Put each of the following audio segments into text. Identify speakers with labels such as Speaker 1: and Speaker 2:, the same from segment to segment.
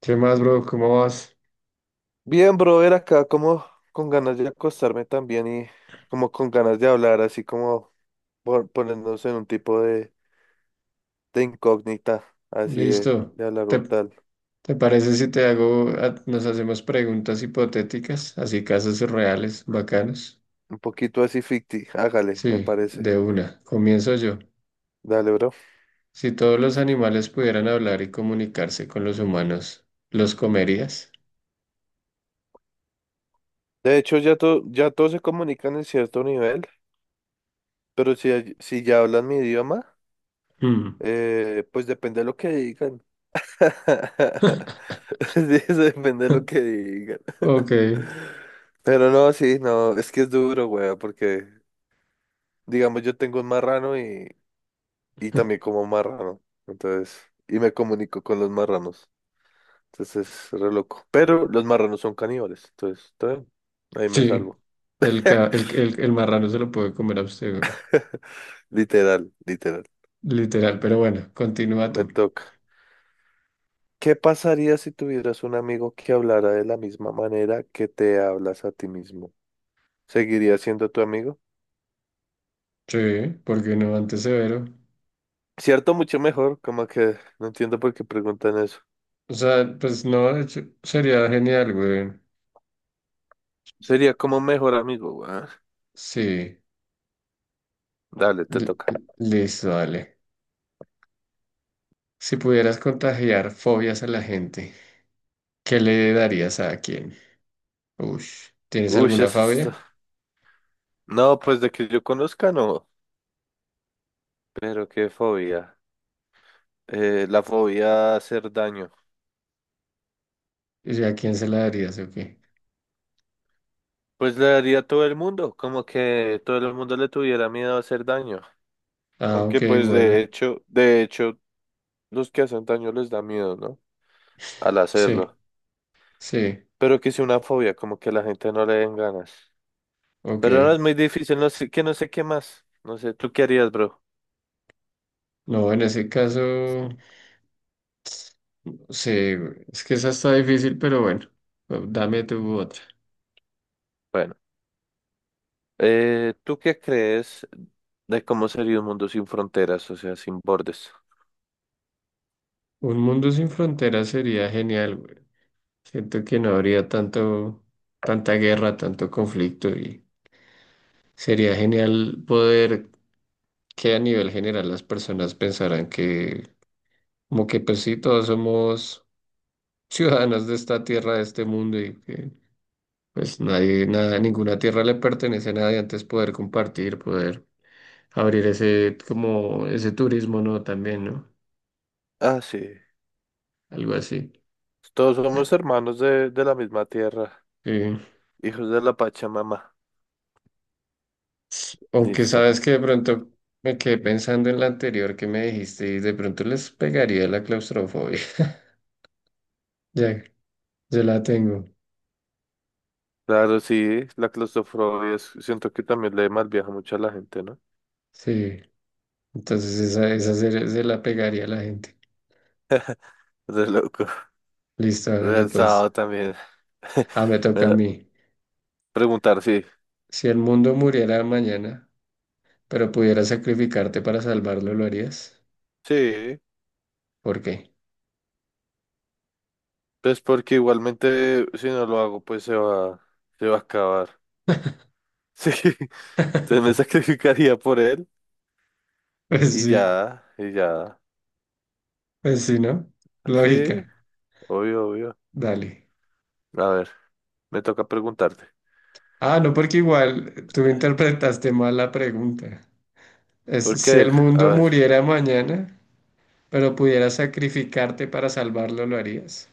Speaker 1: ¿Qué más, bro? ¿Cómo vas?
Speaker 2: Bien, brother, acá como con ganas de acostarme también y como con ganas de hablar, así como ponernos en un tipo de incógnita, así de,
Speaker 1: Listo.
Speaker 2: de hablar
Speaker 1: ¿Te,
Speaker 2: un tal,
Speaker 1: te parece si te hago, nos hacemos preguntas hipotéticas, así casos reales, bacanos?
Speaker 2: un poquito así ficti, hágale, me
Speaker 1: Sí,
Speaker 2: parece.
Speaker 1: de una. Comienzo yo.
Speaker 2: Dale, bro.
Speaker 1: Si todos los animales pudieran hablar y comunicarse con los humanos, ¿los comerías?
Speaker 2: De hecho, ya, ya todos se comunican en cierto nivel, pero si, si ya hablan mi idioma,
Speaker 1: Mm.
Speaker 2: pues depende de lo que digan. Sí, eso depende de lo que digan.
Speaker 1: Ok,
Speaker 2: Pero no, sí, no, es que es duro, güey, porque, digamos, yo tengo un marrano y también como marrano. Entonces, y me comunico con los marranos. Entonces es re loco. Pero los marranos son caníbales. Entonces, está bien. Ahí me
Speaker 1: sí.
Speaker 2: salvo.
Speaker 1: El, ca- el marrano se lo puede comer a usted, güey.
Speaker 2: Literal, literal.
Speaker 1: Literal, pero bueno, continúa
Speaker 2: Me
Speaker 1: tú.
Speaker 2: toca. ¿Qué pasaría si tuvieras un amigo que hablara de la misma manera que te hablas a ti mismo? ¿Seguiría siendo tu amigo?
Speaker 1: Sí, porque no antes severo.
Speaker 2: Cierto, mucho mejor. Como que no entiendo por qué preguntan eso.
Speaker 1: O sea, pues no, de hecho, sería genial, güey.
Speaker 2: Sería como mejor amigo, weón.
Speaker 1: Sí,
Speaker 2: Dale, te
Speaker 1: li-
Speaker 2: toca.
Speaker 1: listo, dale. Si pudieras contagiar fobias a la gente, ¿qué le darías a quién? Ush, ¿tienes
Speaker 2: Uy, eso
Speaker 1: alguna
Speaker 2: es.
Speaker 1: fobia?
Speaker 2: No, pues de que yo conozca, no. Pero qué fobia. La fobia a hacer daño.
Speaker 1: ¿Y a quién se la darías o qué?
Speaker 2: Pues le daría a todo el mundo, como que todo el mundo le tuviera miedo a hacer daño.
Speaker 1: Ah, ok,
Speaker 2: Aunque pues
Speaker 1: bueno.
Speaker 2: de hecho, los que hacen daño les da miedo, ¿no? Al
Speaker 1: Sí,
Speaker 2: hacerlo.
Speaker 1: sí,
Speaker 2: Pero que sea una fobia, como que a la gente no le den ganas. Pero no
Speaker 1: ok.
Speaker 2: es muy difícil, no sé, que no sé qué más. No sé, ¿tú qué harías, bro?
Speaker 1: No, en ese caso, sí, güey, es que esa está difícil, pero bueno, dame tu otra.
Speaker 2: Bueno, ¿tú qué crees de cómo sería un mundo sin fronteras, o sea, sin bordes?
Speaker 1: Un mundo sin fronteras sería genial, güey. Siento que no habría tanta guerra, tanto conflicto y sería genial poder que a nivel general las personas pensaran que como que pues sí, todos somos ciudadanos de esta tierra, de este mundo y que pues nadie, nada, ninguna tierra le pertenece a nadie, antes poder compartir, poder abrir ese como ese turismo, ¿no? También, ¿no?
Speaker 2: Ah, sí.
Speaker 1: Algo así.
Speaker 2: Todos somos
Speaker 1: Ya.
Speaker 2: hermanos de la misma tierra,
Speaker 1: Sí.
Speaker 2: hijos de la Pachamama.
Speaker 1: Aunque
Speaker 2: Listo.
Speaker 1: sabes que de pronto me quedé pensando en la anterior que me dijiste y de pronto les pegaría la claustrofobia. Ya, ya la tengo.
Speaker 2: Claro, sí, la claustrofobia siento que también le malviaja mucho a la gente, ¿no?
Speaker 1: Sí. Entonces se la pegaría a la gente.
Speaker 2: Re loco.
Speaker 1: Listo, hágale pues.
Speaker 2: Realzado también.
Speaker 1: Ah, me toca a
Speaker 2: Bueno,
Speaker 1: mí.
Speaker 2: preguntar, sí.
Speaker 1: Si el mundo muriera mañana, pero pudieras sacrificarte para salvarlo, ¿lo harías?
Speaker 2: Sí,
Speaker 1: ¿Por qué?
Speaker 2: pues porque igualmente si no lo hago, pues se va a acabar. Sí, entonces me sacrificaría por él
Speaker 1: Pues
Speaker 2: y
Speaker 1: sí,
Speaker 2: ya, y ya.
Speaker 1: pues sí, ¿no?
Speaker 2: Sí,
Speaker 1: Lógica.
Speaker 2: obvio, obvio.
Speaker 1: Dale.
Speaker 2: A ver, me toca preguntarte.
Speaker 1: Ah, no, porque igual tú interpretaste mal la pregunta. Es,
Speaker 2: ¿Por
Speaker 1: si
Speaker 2: qué?
Speaker 1: el
Speaker 2: A
Speaker 1: mundo
Speaker 2: ver.
Speaker 1: muriera mañana. Pero pudieras sacrificarte para salvarlo, ¿lo harías?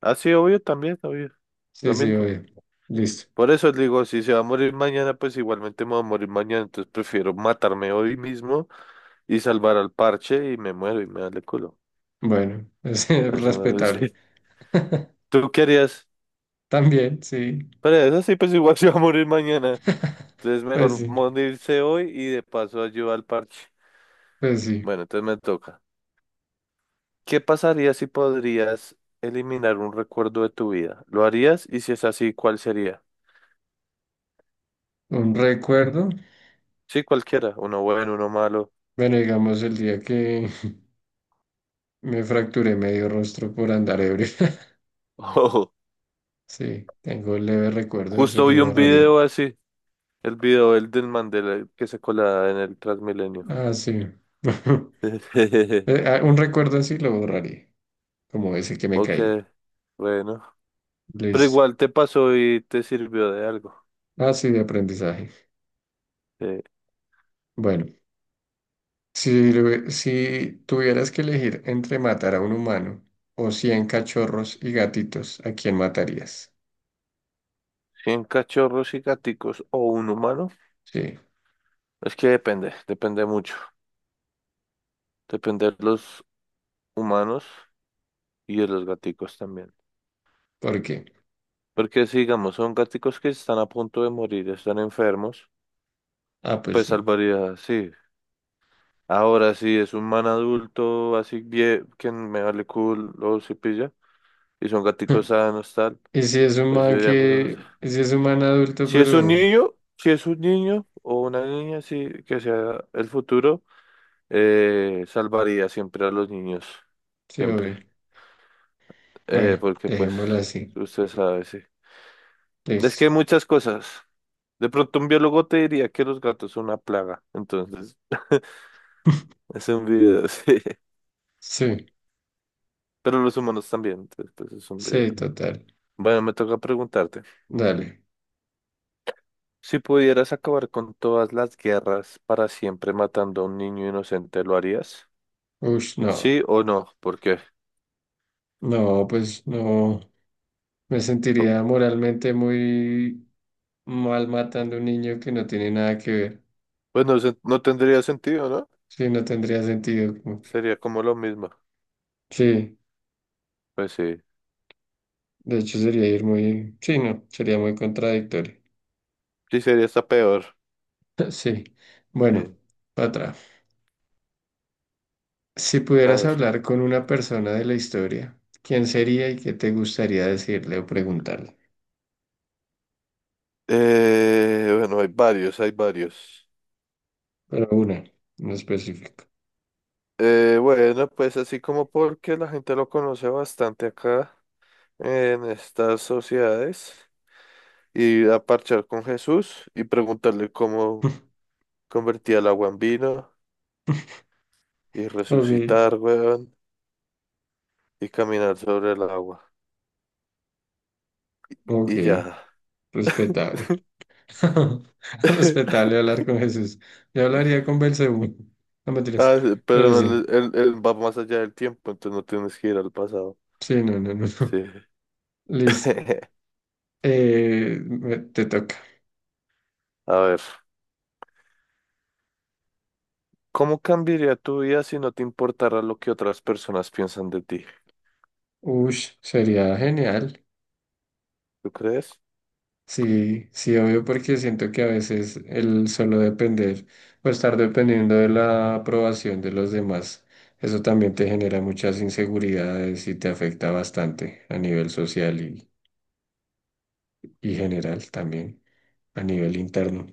Speaker 2: Ah, sí, obvio, también, obvio.
Speaker 1: Sí,
Speaker 2: Lo
Speaker 1: sí,
Speaker 2: mismo.
Speaker 1: obvio. Listo.
Speaker 2: Por eso les digo, si se va a morir mañana, pues igualmente me va a morir mañana. Entonces prefiero matarme hoy mismo y salvar al parche y me muero y me da el culo.
Speaker 1: Bueno, es
Speaker 2: A eso me
Speaker 1: respetable.
Speaker 2: parece. ¿Tú qué harías?
Speaker 1: También, sí.
Speaker 2: Pero eso sí, pues igual se va a morir mañana. Entonces
Speaker 1: Pues
Speaker 2: mejor
Speaker 1: sí,
Speaker 2: morirse hoy y de paso ayudar al parche.
Speaker 1: pues sí.
Speaker 2: Bueno, entonces me toca. ¿Qué pasaría si podrías eliminar un recuerdo de tu vida? ¿Lo harías? Y si es así, ¿cuál sería?
Speaker 1: Un recuerdo.
Speaker 2: Sí, cualquiera. Uno bueno, uno malo.
Speaker 1: Bueno, digamos el día que me fracturé medio rostro por andar ebrio. Sí, tengo un leve recuerdo, eso
Speaker 2: Justo
Speaker 1: lo
Speaker 2: vi un
Speaker 1: borraría.
Speaker 2: video así, el video el del Mandela que se colaba en el Transmilenio.
Speaker 1: Ah, sí. Un recuerdo así lo borraría, como ese que me
Speaker 2: Ok,
Speaker 1: caí.
Speaker 2: bueno. Pero
Speaker 1: Listo.
Speaker 2: igual te pasó y te sirvió de algo.
Speaker 1: Ah, sí, de aprendizaje.
Speaker 2: Eh,
Speaker 1: Bueno. Si tuvieras que elegir entre matar a un humano o 100 cachorros y gatitos, ¿a quién matarías?
Speaker 2: 100 cachorros y gaticos o un humano.
Speaker 1: Sí,
Speaker 2: Es que depende, depende mucho. Depende de los humanos y de los gaticos también.
Speaker 1: ¿por qué?
Speaker 2: Porque si, digamos, son gaticos que están a punto de morir, están enfermos,
Speaker 1: Ah, pues
Speaker 2: pues
Speaker 1: sí.
Speaker 2: salvaría, sí. Ahora, sí es un man adulto, así bien, que me vale culo, si y son gaticos sanos, tal.
Speaker 1: ¿Y si es un
Speaker 2: Pues yo
Speaker 1: man
Speaker 2: diría, pues,
Speaker 1: adulto,
Speaker 2: si es un
Speaker 1: pero...
Speaker 2: niño, si es un niño o una niña, sí, que sea el futuro, salvaría siempre a los niños,
Speaker 1: Sí,
Speaker 2: siempre.
Speaker 1: obvio. Bueno,
Speaker 2: Porque pues,
Speaker 1: dejémoslo así.
Speaker 2: usted sabe, sí. Es que hay
Speaker 1: Listo.
Speaker 2: muchas cosas. De pronto un biólogo te diría que los gatos son una plaga, entonces es un video, sí.
Speaker 1: Sí,
Speaker 2: Pero los humanos también, entonces pues es un
Speaker 1: sí,
Speaker 2: video.
Speaker 1: total.
Speaker 2: Bueno, me toca preguntarte.
Speaker 1: Dale.
Speaker 2: Si pudieras acabar con todas las guerras para siempre matando a un niño inocente, ¿lo harías?
Speaker 1: Ush, no.
Speaker 2: ¿Sí o no? ¿Por qué?
Speaker 1: No, pues no. Me sentiría moralmente muy mal matando a un niño que no tiene nada que ver.
Speaker 2: Pues no, no tendría sentido, ¿no?
Speaker 1: Sí, no tendría sentido. Como que.
Speaker 2: Sería como lo mismo.
Speaker 1: Sí,
Speaker 2: Pues sí.
Speaker 1: de hecho sería ir muy, sí, no, sería muy contradictorio.
Speaker 2: Sí, sería hasta peor.
Speaker 1: Sí, bueno,
Speaker 2: Sí.
Speaker 1: para atrás. Si
Speaker 2: A
Speaker 1: pudieras
Speaker 2: ver.
Speaker 1: hablar con una persona de la historia, ¿quién sería y qué te gustaría decirle o preguntarle?
Speaker 2: Bueno, hay varios, hay varios.
Speaker 1: Pero una, no específico.
Speaker 2: Bueno, pues así como porque la gente lo conoce bastante acá en estas sociedades, ir a parchar con Jesús y preguntarle cómo convertía el agua en vino y
Speaker 1: Ok,
Speaker 2: resucitar, weón, y caminar sobre el agua.
Speaker 1: ok,
Speaker 2: Y ya.
Speaker 1: respetable. Respetable hablar con Jesús. Yo hablaría con Belcebú. No mentiras,
Speaker 2: Ah, sí,
Speaker 1: pero
Speaker 2: pero no,
Speaker 1: sí,
Speaker 2: él va más allá del tiempo, entonces no tienes que ir al pasado.
Speaker 1: sí, no.
Speaker 2: Sí.
Speaker 1: Listo. Te toca.
Speaker 2: A ver, ¿cómo cambiaría tu vida si no te importara lo que otras personas piensan de ti?
Speaker 1: Ush, sería genial.
Speaker 2: ¿Tú crees?
Speaker 1: Sí, sí, obvio, porque siento que a veces el solo depender o estar dependiendo de la aprobación de los demás, eso también te genera muchas inseguridades y te afecta bastante a nivel social y general también, a nivel interno.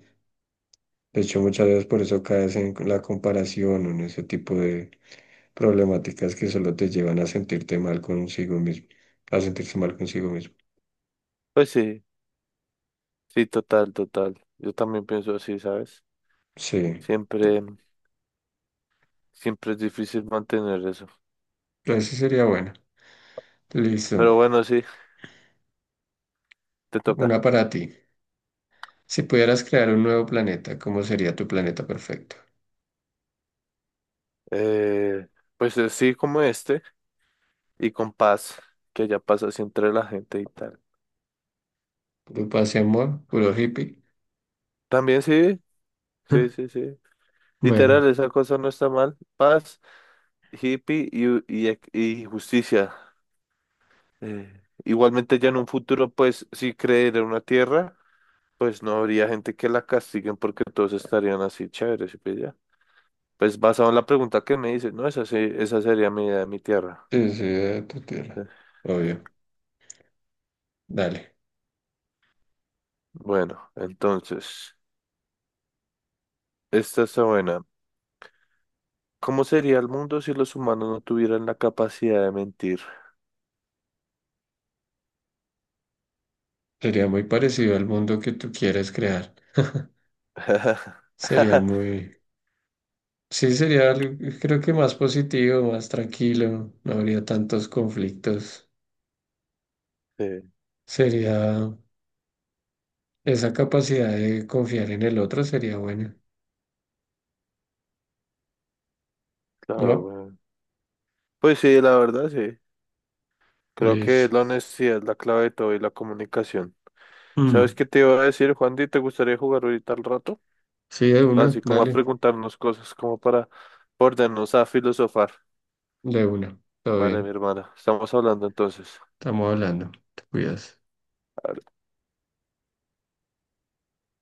Speaker 1: De hecho, muchas veces por eso caes en la comparación o en ese tipo de problemáticas que solo te llevan a sentirte mal consigo mismo, a sentirse mal consigo mismo.
Speaker 2: Pues sí, sí, total, total. Yo también pienso así, ¿sabes?
Speaker 1: Sí,
Speaker 2: Siempre, siempre es difícil mantener eso.
Speaker 1: ese sería bueno. Listo,
Speaker 2: Pero bueno, sí, te toca.
Speaker 1: una para ti. Si pudieras crear un nuevo planeta, ¿cómo sería tu planeta perfecto?
Speaker 2: Eh, pues sí, como este, y con paz, que ya pasa así entre la gente y tal.
Speaker 1: ¿Puro paz y amor? ¿Puro hippie?
Speaker 2: También sí, sí, sí, sí.
Speaker 1: Bueno,
Speaker 2: Literal, esa cosa no está mal. Paz, hippie y justicia. Igualmente ya en un futuro, pues, si creer en una tierra, pues no habría gente que la castiguen porque todos estarían así chéveres ¿sí pilla? Pues basado en la pregunta que me dices, no, esa sí, esa sería mi idea de mi tierra.
Speaker 1: ese de tu
Speaker 2: Eh,
Speaker 1: tierra.
Speaker 2: eh.
Speaker 1: Obvio. Dale.
Speaker 2: Bueno, entonces, esta está buena. ¿Cómo sería el mundo si los humanos no tuvieran la capacidad de mentir?
Speaker 1: Sería muy parecido al mundo que tú quieres crear. Sería muy... Sí, sería algo, creo que más positivo, más tranquilo, no habría tantos conflictos.
Speaker 2: Sí,
Speaker 1: Sería... Esa capacidad de confiar en el otro sería buena,
Speaker 2: claro,
Speaker 1: ¿no?
Speaker 2: weón. Pues sí, la verdad, sí. Creo que
Speaker 1: Listo.
Speaker 2: la honestidad es la clave de todo y la comunicación. ¿Sabes
Speaker 1: Mm.
Speaker 2: qué te iba a decir, Juandi? ¿Te gustaría jugar ahorita al rato?
Speaker 1: Sí, de una,
Speaker 2: Así como a
Speaker 1: dale,
Speaker 2: preguntarnos cosas, como para ponernos a filosofar.
Speaker 1: de una, todo
Speaker 2: Vale, mi
Speaker 1: bien.
Speaker 2: hermana. Estamos hablando entonces.
Speaker 1: Estamos hablando. Te cuidas.